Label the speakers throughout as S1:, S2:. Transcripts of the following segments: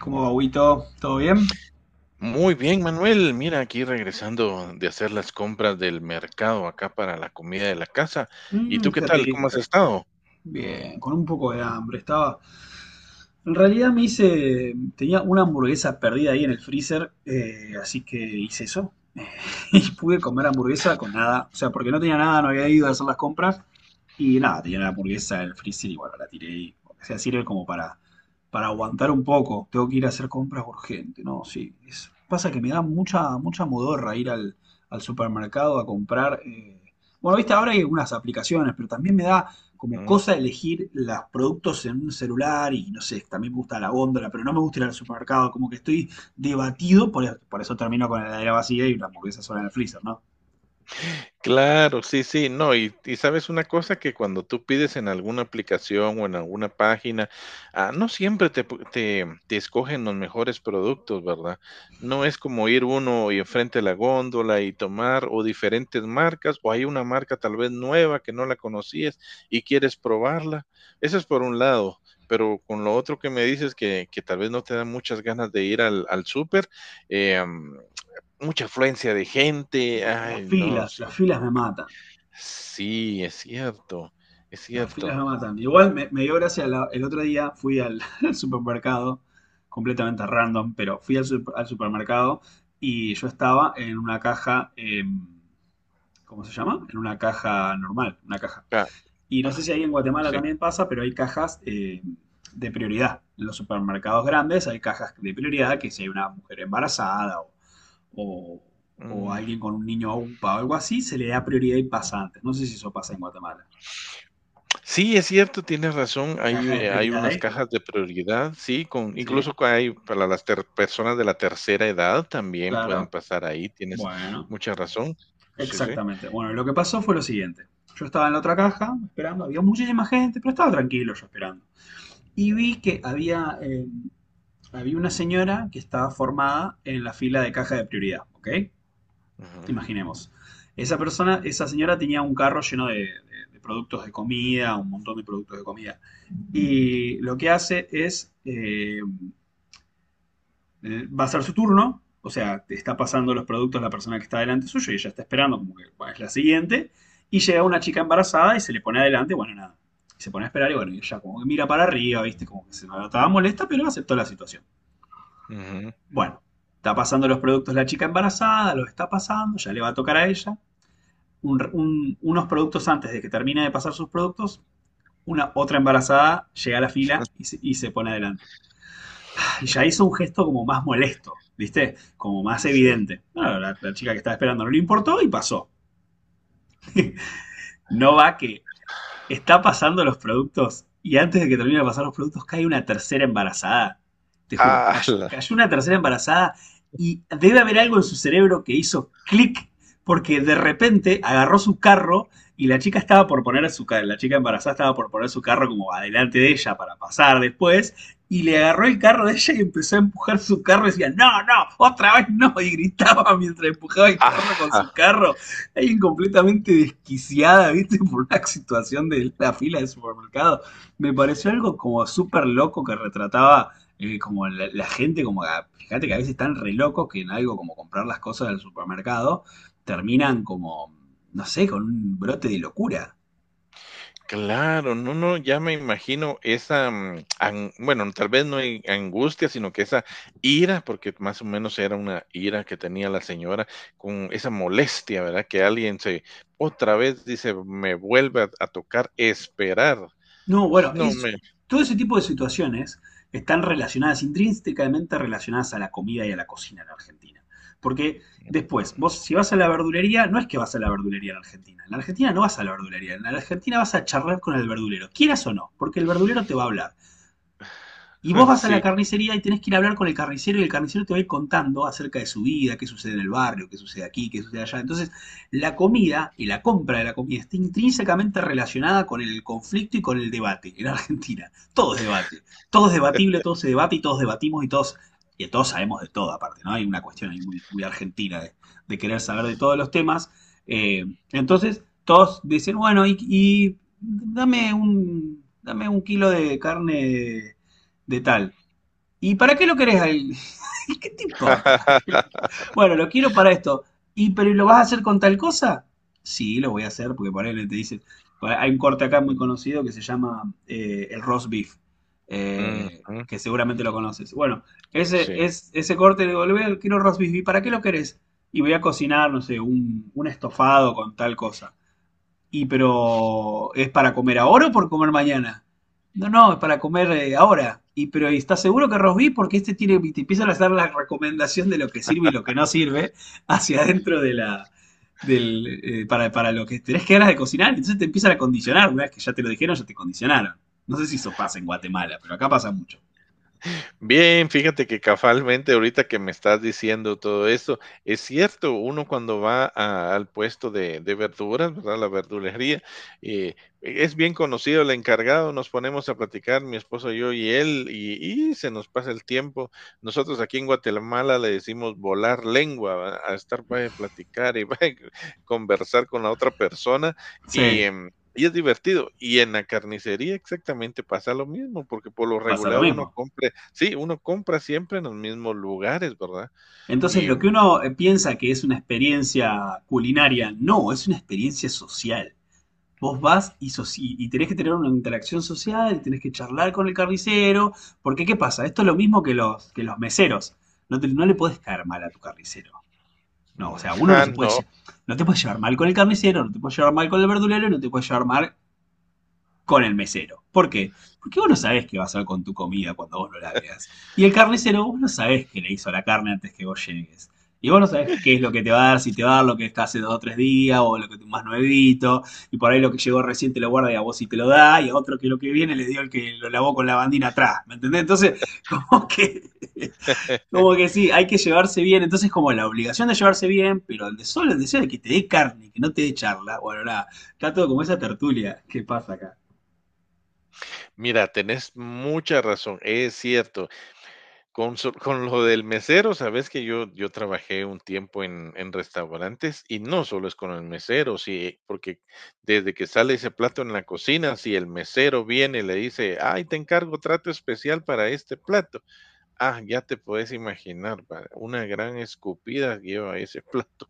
S1: ¿Cómo va, Huguito? ¿Todo bien?
S2: Muy bien, Manuel. Mira, aquí regresando de hacer las compras del mercado acá para la comida de la casa. ¿Y
S1: Mmm,
S2: tú qué
S1: qué
S2: tal? ¿Cómo has
S1: rico.
S2: estado?
S1: Bien, con un poco de hambre. Estaba. En realidad me hice. Tenía una hamburguesa perdida ahí en el freezer, así que hice eso. Y pude comer hamburguesa con nada. O sea, porque no tenía nada, no había ido a hacer las compras. Y nada, tenía la hamburguesa en el freezer y bueno, la tiré y o sea, sirve como para aguantar un poco. Tengo que ir a hacer compras urgente, ¿no? Sí. Pasa que me da mucha modorra ir al, al supermercado a comprar. Bueno, viste, ahora hay algunas aplicaciones, pero también me da como cosa elegir los productos en un celular y no sé, también me gusta la góndola, pero no me gusta ir al supermercado, como que estoy debatido, por eso termino con la heladera vacía y la hamburguesa sola en el freezer, ¿no?
S2: Claro, sí, sí, no, y sabes una cosa que cuando tú pides en alguna aplicación o en alguna página, ah, no siempre te escogen los mejores productos, ¿verdad? No es como ir uno y enfrente a la góndola y tomar o diferentes marcas, o hay una marca tal vez nueva que no la conocías y quieres probarla. Eso es por un lado, pero con lo otro que me dices que tal vez no te dan muchas ganas de ir al súper, eh, mucha afluencia de gente,
S1: No,
S2: ay, no, sí.
S1: las filas me matan.
S2: Sí, es cierto, es
S1: Las filas
S2: cierto.
S1: me matan. Igual me dio gracia, el otro día fui al, al supermercado, completamente random, pero fui al, al supermercado y yo estaba en una caja, ¿cómo se llama? En una caja normal, una caja.
S2: Ah,
S1: Y no sé si ahí en Guatemala
S2: sí.
S1: también pasa, pero hay cajas de prioridad. En los supermercados grandes hay cajas de prioridad que si hay una mujer embarazada o, o
S2: Mm.
S1: alguien con un niño UPA o algo así, se le da prioridad y pasa antes. No sé si eso pasa en Guatemala.
S2: Sí, es cierto, tienes razón. Hay,
S1: Caja de
S2: hay unas
S1: prioridades,
S2: cajas de prioridad, sí, con
S1: ¿sí?
S2: incluso que hay para las personas de la tercera edad también pueden
S1: Claro.
S2: pasar ahí. Tienes
S1: Bueno,
S2: mucha razón. Sí, sí.
S1: exactamente. Bueno, lo que pasó fue lo siguiente. Yo estaba en la otra caja esperando, había muchísima gente, pero estaba tranquilo yo esperando. Y vi que había, había una señora que estaba formada en la fila de caja de prioridad, ¿ok?
S2: Ujú,
S1: Imaginemos. Esa persona, esa señora tenía un carro lleno de, de productos de comida, un montón de productos de comida. Y lo que hace es, va a ser su turno, o sea, te está pasando los productos la persona que está delante suyo y ella está esperando como que bueno, es la siguiente. Y llega una chica embarazada y se le pone adelante, bueno, nada. Y se pone a esperar y bueno, y ella como que mira para arriba, viste, como que se notaba molesta, pero aceptó la situación.
S2: ujú.
S1: Bueno, está pasando los productos la chica embarazada, los está pasando, ya le va a tocar a ella. Unos productos antes de que termine de pasar sus productos, una otra embarazada llega a la fila y y se pone adelante. Y ya hizo un gesto como más molesto, ¿viste? Como más
S2: Sí.
S1: evidente. Bueno, la chica que estaba esperando no le importó y pasó. No va que está pasando los productos y antes de que termine de pasar los productos cae una tercera embarazada. Te juro,
S2: Ah,
S1: cayó, cayó una tercera embarazada y debe haber algo en su cerebro que hizo clic porque de repente agarró su carro y la chica estaba por poner su carro, la chica embarazada estaba por poner su carro como adelante de ella para pasar después, y le agarró el carro de ella y empezó a empujar su carro y decía, no, no, otra vez no, y gritaba mientras empujaba el carro con su
S2: ah.
S1: carro, alguien completamente desquiciada, ¿viste? Por una situación de la fila de supermercado. Me pareció algo como súper loco que retrataba como gente, como fíjate que a veces están re locos que en algo como comprar las cosas del supermercado terminan como, no sé, con un brote de locura.
S2: Claro, no, no, ya me imagino esa, mm, bueno, tal vez no hay angustia, sino que esa ira, porque más o menos era una ira que tenía la señora con esa molestia, ¿verdad? Que alguien se, otra vez dice, me vuelve a tocar esperar.
S1: No, bueno,
S2: No
S1: es,
S2: me,
S1: todo ese tipo de situaciones están relacionadas, intrínsecamente relacionadas a la comida y a la cocina en Argentina. Porque después, vos si vas a la verdulería, no es que vas a la verdulería en Argentina. En la Argentina no vas a la verdulería. En la Argentina vas a charlar con el verdulero, quieras o no, porque el verdulero te va a hablar. Y vos vas a la
S2: sí.
S1: carnicería y tenés que ir a hablar con el carnicero y el carnicero te va a ir contando acerca de su vida, qué sucede en el barrio, qué sucede aquí, qué sucede allá. Entonces, la comida y la compra de la comida está intrínsecamente relacionada con el conflicto y con el debate en Argentina. Todo es debate. Todo es debatible, todo se debate y todos debatimos y todos sabemos de todo aparte, ¿no? Hay una cuestión ahí muy argentina de querer saber de todos los temas. Eh, entonces, todos dicen, bueno, y dame, dame un kilo de carne de tal. ¿Y para qué lo querés? ¿Qué te importa? ¿Para qué lo quieres? Bueno, lo quiero para esto. ¿Y pero lo vas a hacer con tal cosa? Sí, lo voy a hacer porque por ahí te dicen, hay un corte acá muy conocido que se llama el roast beef,
S2: Mm, ujú,
S1: que seguramente lo conoces. Bueno,
S2: sí.
S1: ese corte de volver, quiero roast beef, ¿y para qué lo querés? Y voy a cocinar, no sé, un estofado con tal cosa. Y pero, ¿es para comer ahora o por comer mañana? No, no, es para comer ahora. Y pero, ¿y ¿estás seguro que Rosby? Porque este tiene, te empiezan a hacer la recomendación de lo que sirve y lo que no sirve hacia adentro de del, para lo que tenés que ganas de cocinar. Entonces te empiezan a condicionar. Una vez que ya te lo dijeron, ya te condicionaron. No sé si eso pasa en Guatemala, pero acá pasa mucho.
S2: Bien, fíjate que casualmente ahorita que me estás diciendo todo eso, es cierto, uno cuando va al puesto de verduras, ¿verdad? La verdulería, eh, es bien conocido el encargado, nos ponemos a platicar, mi esposo, yo y él, y se nos pasa el tiempo. Nosotros aquí en Guatemala le decimos volar lengua, ¿verdad?, a estar para platicar y conversar con la otra persona y...
S1: Sí.
S2: y es divertido. Y en la carnicería exactamente pasa lo mismo, porque por lo
S1: Pasa lo
S2: regular uno
S1: mismo.
S2: compra. Sí, uno compra siempre en los mismos lugares, ¿verdad?
S1: Entonces,
S2: Y,
S1: lo que
S2: mm,
S1: uno piensa que es una experiencia culinaria, no, es una experiencia social. Vos vas y tenés que tener una interacción social, y tenés que charlar con el carnicero, porque ¿qué pasa? Esto es lo mismo que que los meseros. No, no le podés caer mal a tu carnicero. No, o sea, uno no
S2: ah,
S1: se puede,
S2: no.
S1: no te puedes llevar mal con el carnicero, no te puedes llevar mal con el verdulero, y no te puedes llevar mal con el mesero. ¿Por qué? Porque vos no sabés qué va a hacer con tu comida cuando vos no la veas. Y el carnicero, vos no sabés qué le hizo a la carne antes que vos llegues. Y vos no sabés qué es lo que te va a dar, si te va a dar lo que está hace dos o tres días, o lo que te más nuevito, y por ahí lo que llegó recién te lo guarda y a vos sí te lo da, y a otro que lo que viene le dio el que lo lavó con la bandina atrás, ¿me entendés? Entonces, como que sí, hay que llevarse bien, entonces como la obligación de llevarse bien, pero el de solo el deseo de que te dé carne, que no te dé charla, bueno, nada, está todo como esa tertulia que pasa acá.
S2: Mira, tenés mucha razón, es cierto. Con so con lo del mesero, sabes que yo trabajé un tiempo en restaurantes y no solo es con el mesero, sí, porque desde que sale ese plato en la cocina, si el mesero viene y le dice: "Ay, te encargo trato especial para este plato". Ah, ya te puedes imaginar, ¿verdad? Una gran escupida lleva ese plato.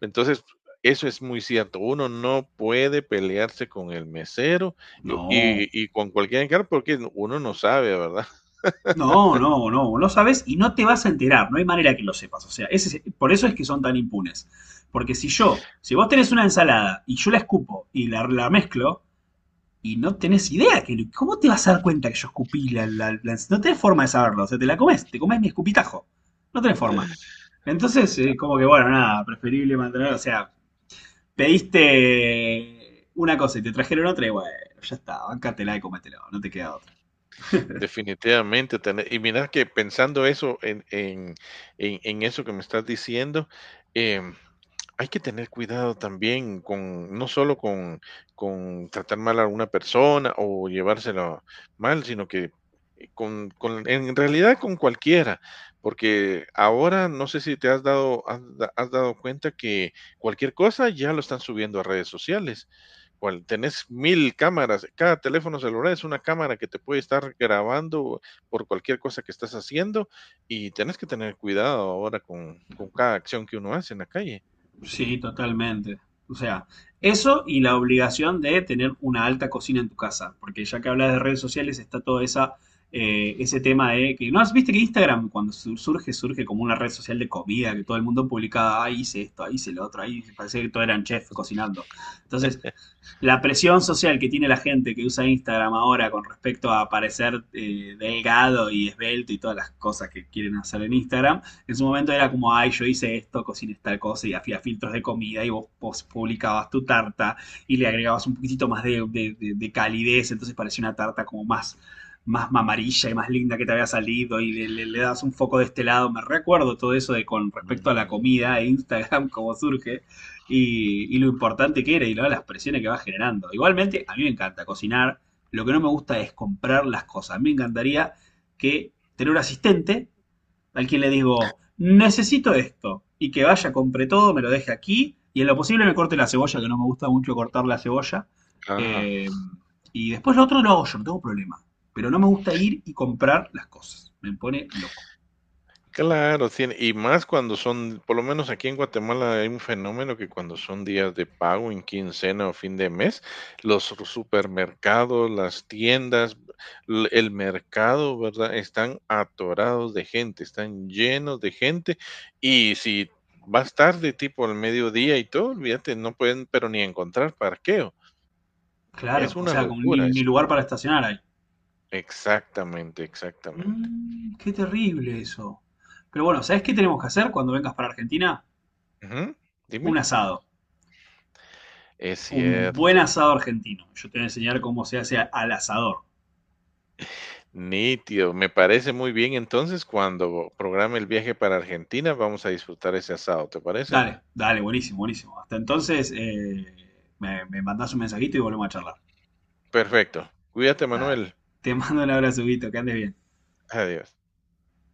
S2: Entonces, eso es muy cierto. Uno no puede pelearse con el mesero
S1: No,
S2: y con cualquier encargo porque no, uno no sabe, ¿verdad?
S1: no, no sabes y no te vas a enterar, no hay manera que lo sepas. O sea, por eso es que son tan impunes. Porque si yo, si vos tenés una ensalada y yo la escupo y la mezclo y no tenés idea, que, ¿cómo te vas a dar cuenta que yo escupí la No tenés forma de saberlo, o sea, te la comes, te comes mi escupitajo. No tenés forma. Entonces, como que bueno, nada, preferible mantener, o sea, pediste una cosa y te trajeron otra y bueno, ya está, bancátela y comételo, no te queda otra.
S2: Definitivamente. Y mira que pensando eso en eso que me estás diciendo, em, hay que tener cuidado también con, no solo con tratar mal a una persona o llevárselo mal, sino que en realidad con cualquiera, porque ahora no sé si te has has dado cuenta que cualquier cosa ya lo están subiendo a redes sociales. Cual, tenés mil cámaras, cada teléfono celular es una cámara que te puede estar grabando por cualquier cosa que estás haciendo y tenés que tener cuidado ahora con cada acción que uno hace en la calle.
S1: Sí, totalmente. O sea, eso y la obligación de tener una alta cocina en tu casa, porque ya que hablas de redes sociales está todo esa, ese tema de que, ¿no has viste que Instagram cuando surge, surge como una red social de comida, que todo el mundo publicaba, ah, hice esto, ahí hice lo otro, ahí parecía que todos eran chefs cocinando. Entonces, la presión social que tiene la gente que usa Instagram ahora con respecto a parecer delgado y esbelto y todas las cosas que quieren hacer en Instagram, en su momento era como, ay, yo hice esto, cociné tal cosa y hacía filtros de comida y vos, vos publicabas tu tarta y le agregabas un poquitito más de, de calidez, entonces parecía una tarta como más más mamarilla y más linda que te había salido y le das un foco de este lado. Me recuerdo todo eso de con respecto a la
S2: Mm,
S1: comida e Instagram, cómo surge y lo importante que era y las presiones que va generando. Igualmente, a mí me encanta cocinar. Lo que no me gusta es comprar las cosas. Me encantaría que tener un asistente al quien le digo, necesito esto, y que vaya, compre todo, me lo deje aquí, y en lo posible me corte la cebolla, que no me gusta mucho cortar la cebolla.
S2: ah,
S1: Eh, y después lo otro lo hago yo, no tengo problema. Pero no me gusta ir y comprar las cosas. Me pone loco.
S2: claro, tiene y más cuando son, por lo menos aquí en Guatemala hay un fenómeno que cuando son días de pago en quincena o fin de mes, los supermercados, las tiendas, el mercado, ¿verdad?, están atorados de gente, están llenos de gente y si vas tarde, tipo al mediodía y todo, olvídate, no pueden, pero ni encontrar parqueo.
S1: Claro,
S2: Es
S1: o
S2: una
S1: sea, como ni,
S2: locura,
S1: ni
S2: es una...
S1: lugar para estacionar hay.
S2: Exactamente, exactamente.
S1: Mm, qué terrible eso. Pero bueno, ¿sabes qué tenemos que hacer cuando vengas para Argentina?
S2: Ujú.
S1: Un
S2: Dime.
S1: asado.
S2: Es
S1: Un buen
S2: cierto.
S1: asado argentino. Yo te voy a enseñar cómo se hace al asador.
S2: Nítido, me parece muy bien. Entonces, cuando programe el viaje para Argentina, vamos a disfrutar ese asado, ¿te parece?
S1: Dale, dale, buenísimo, buenísimo. Hasta entonces, me mandás un mensajito y volvemos a charlar.
S2: Perfecto. Cuídate,
S1: Dale.
S2: Manuel.
S1: Te mando un abrazo, Guito, que andes bien.
S2: Adiós.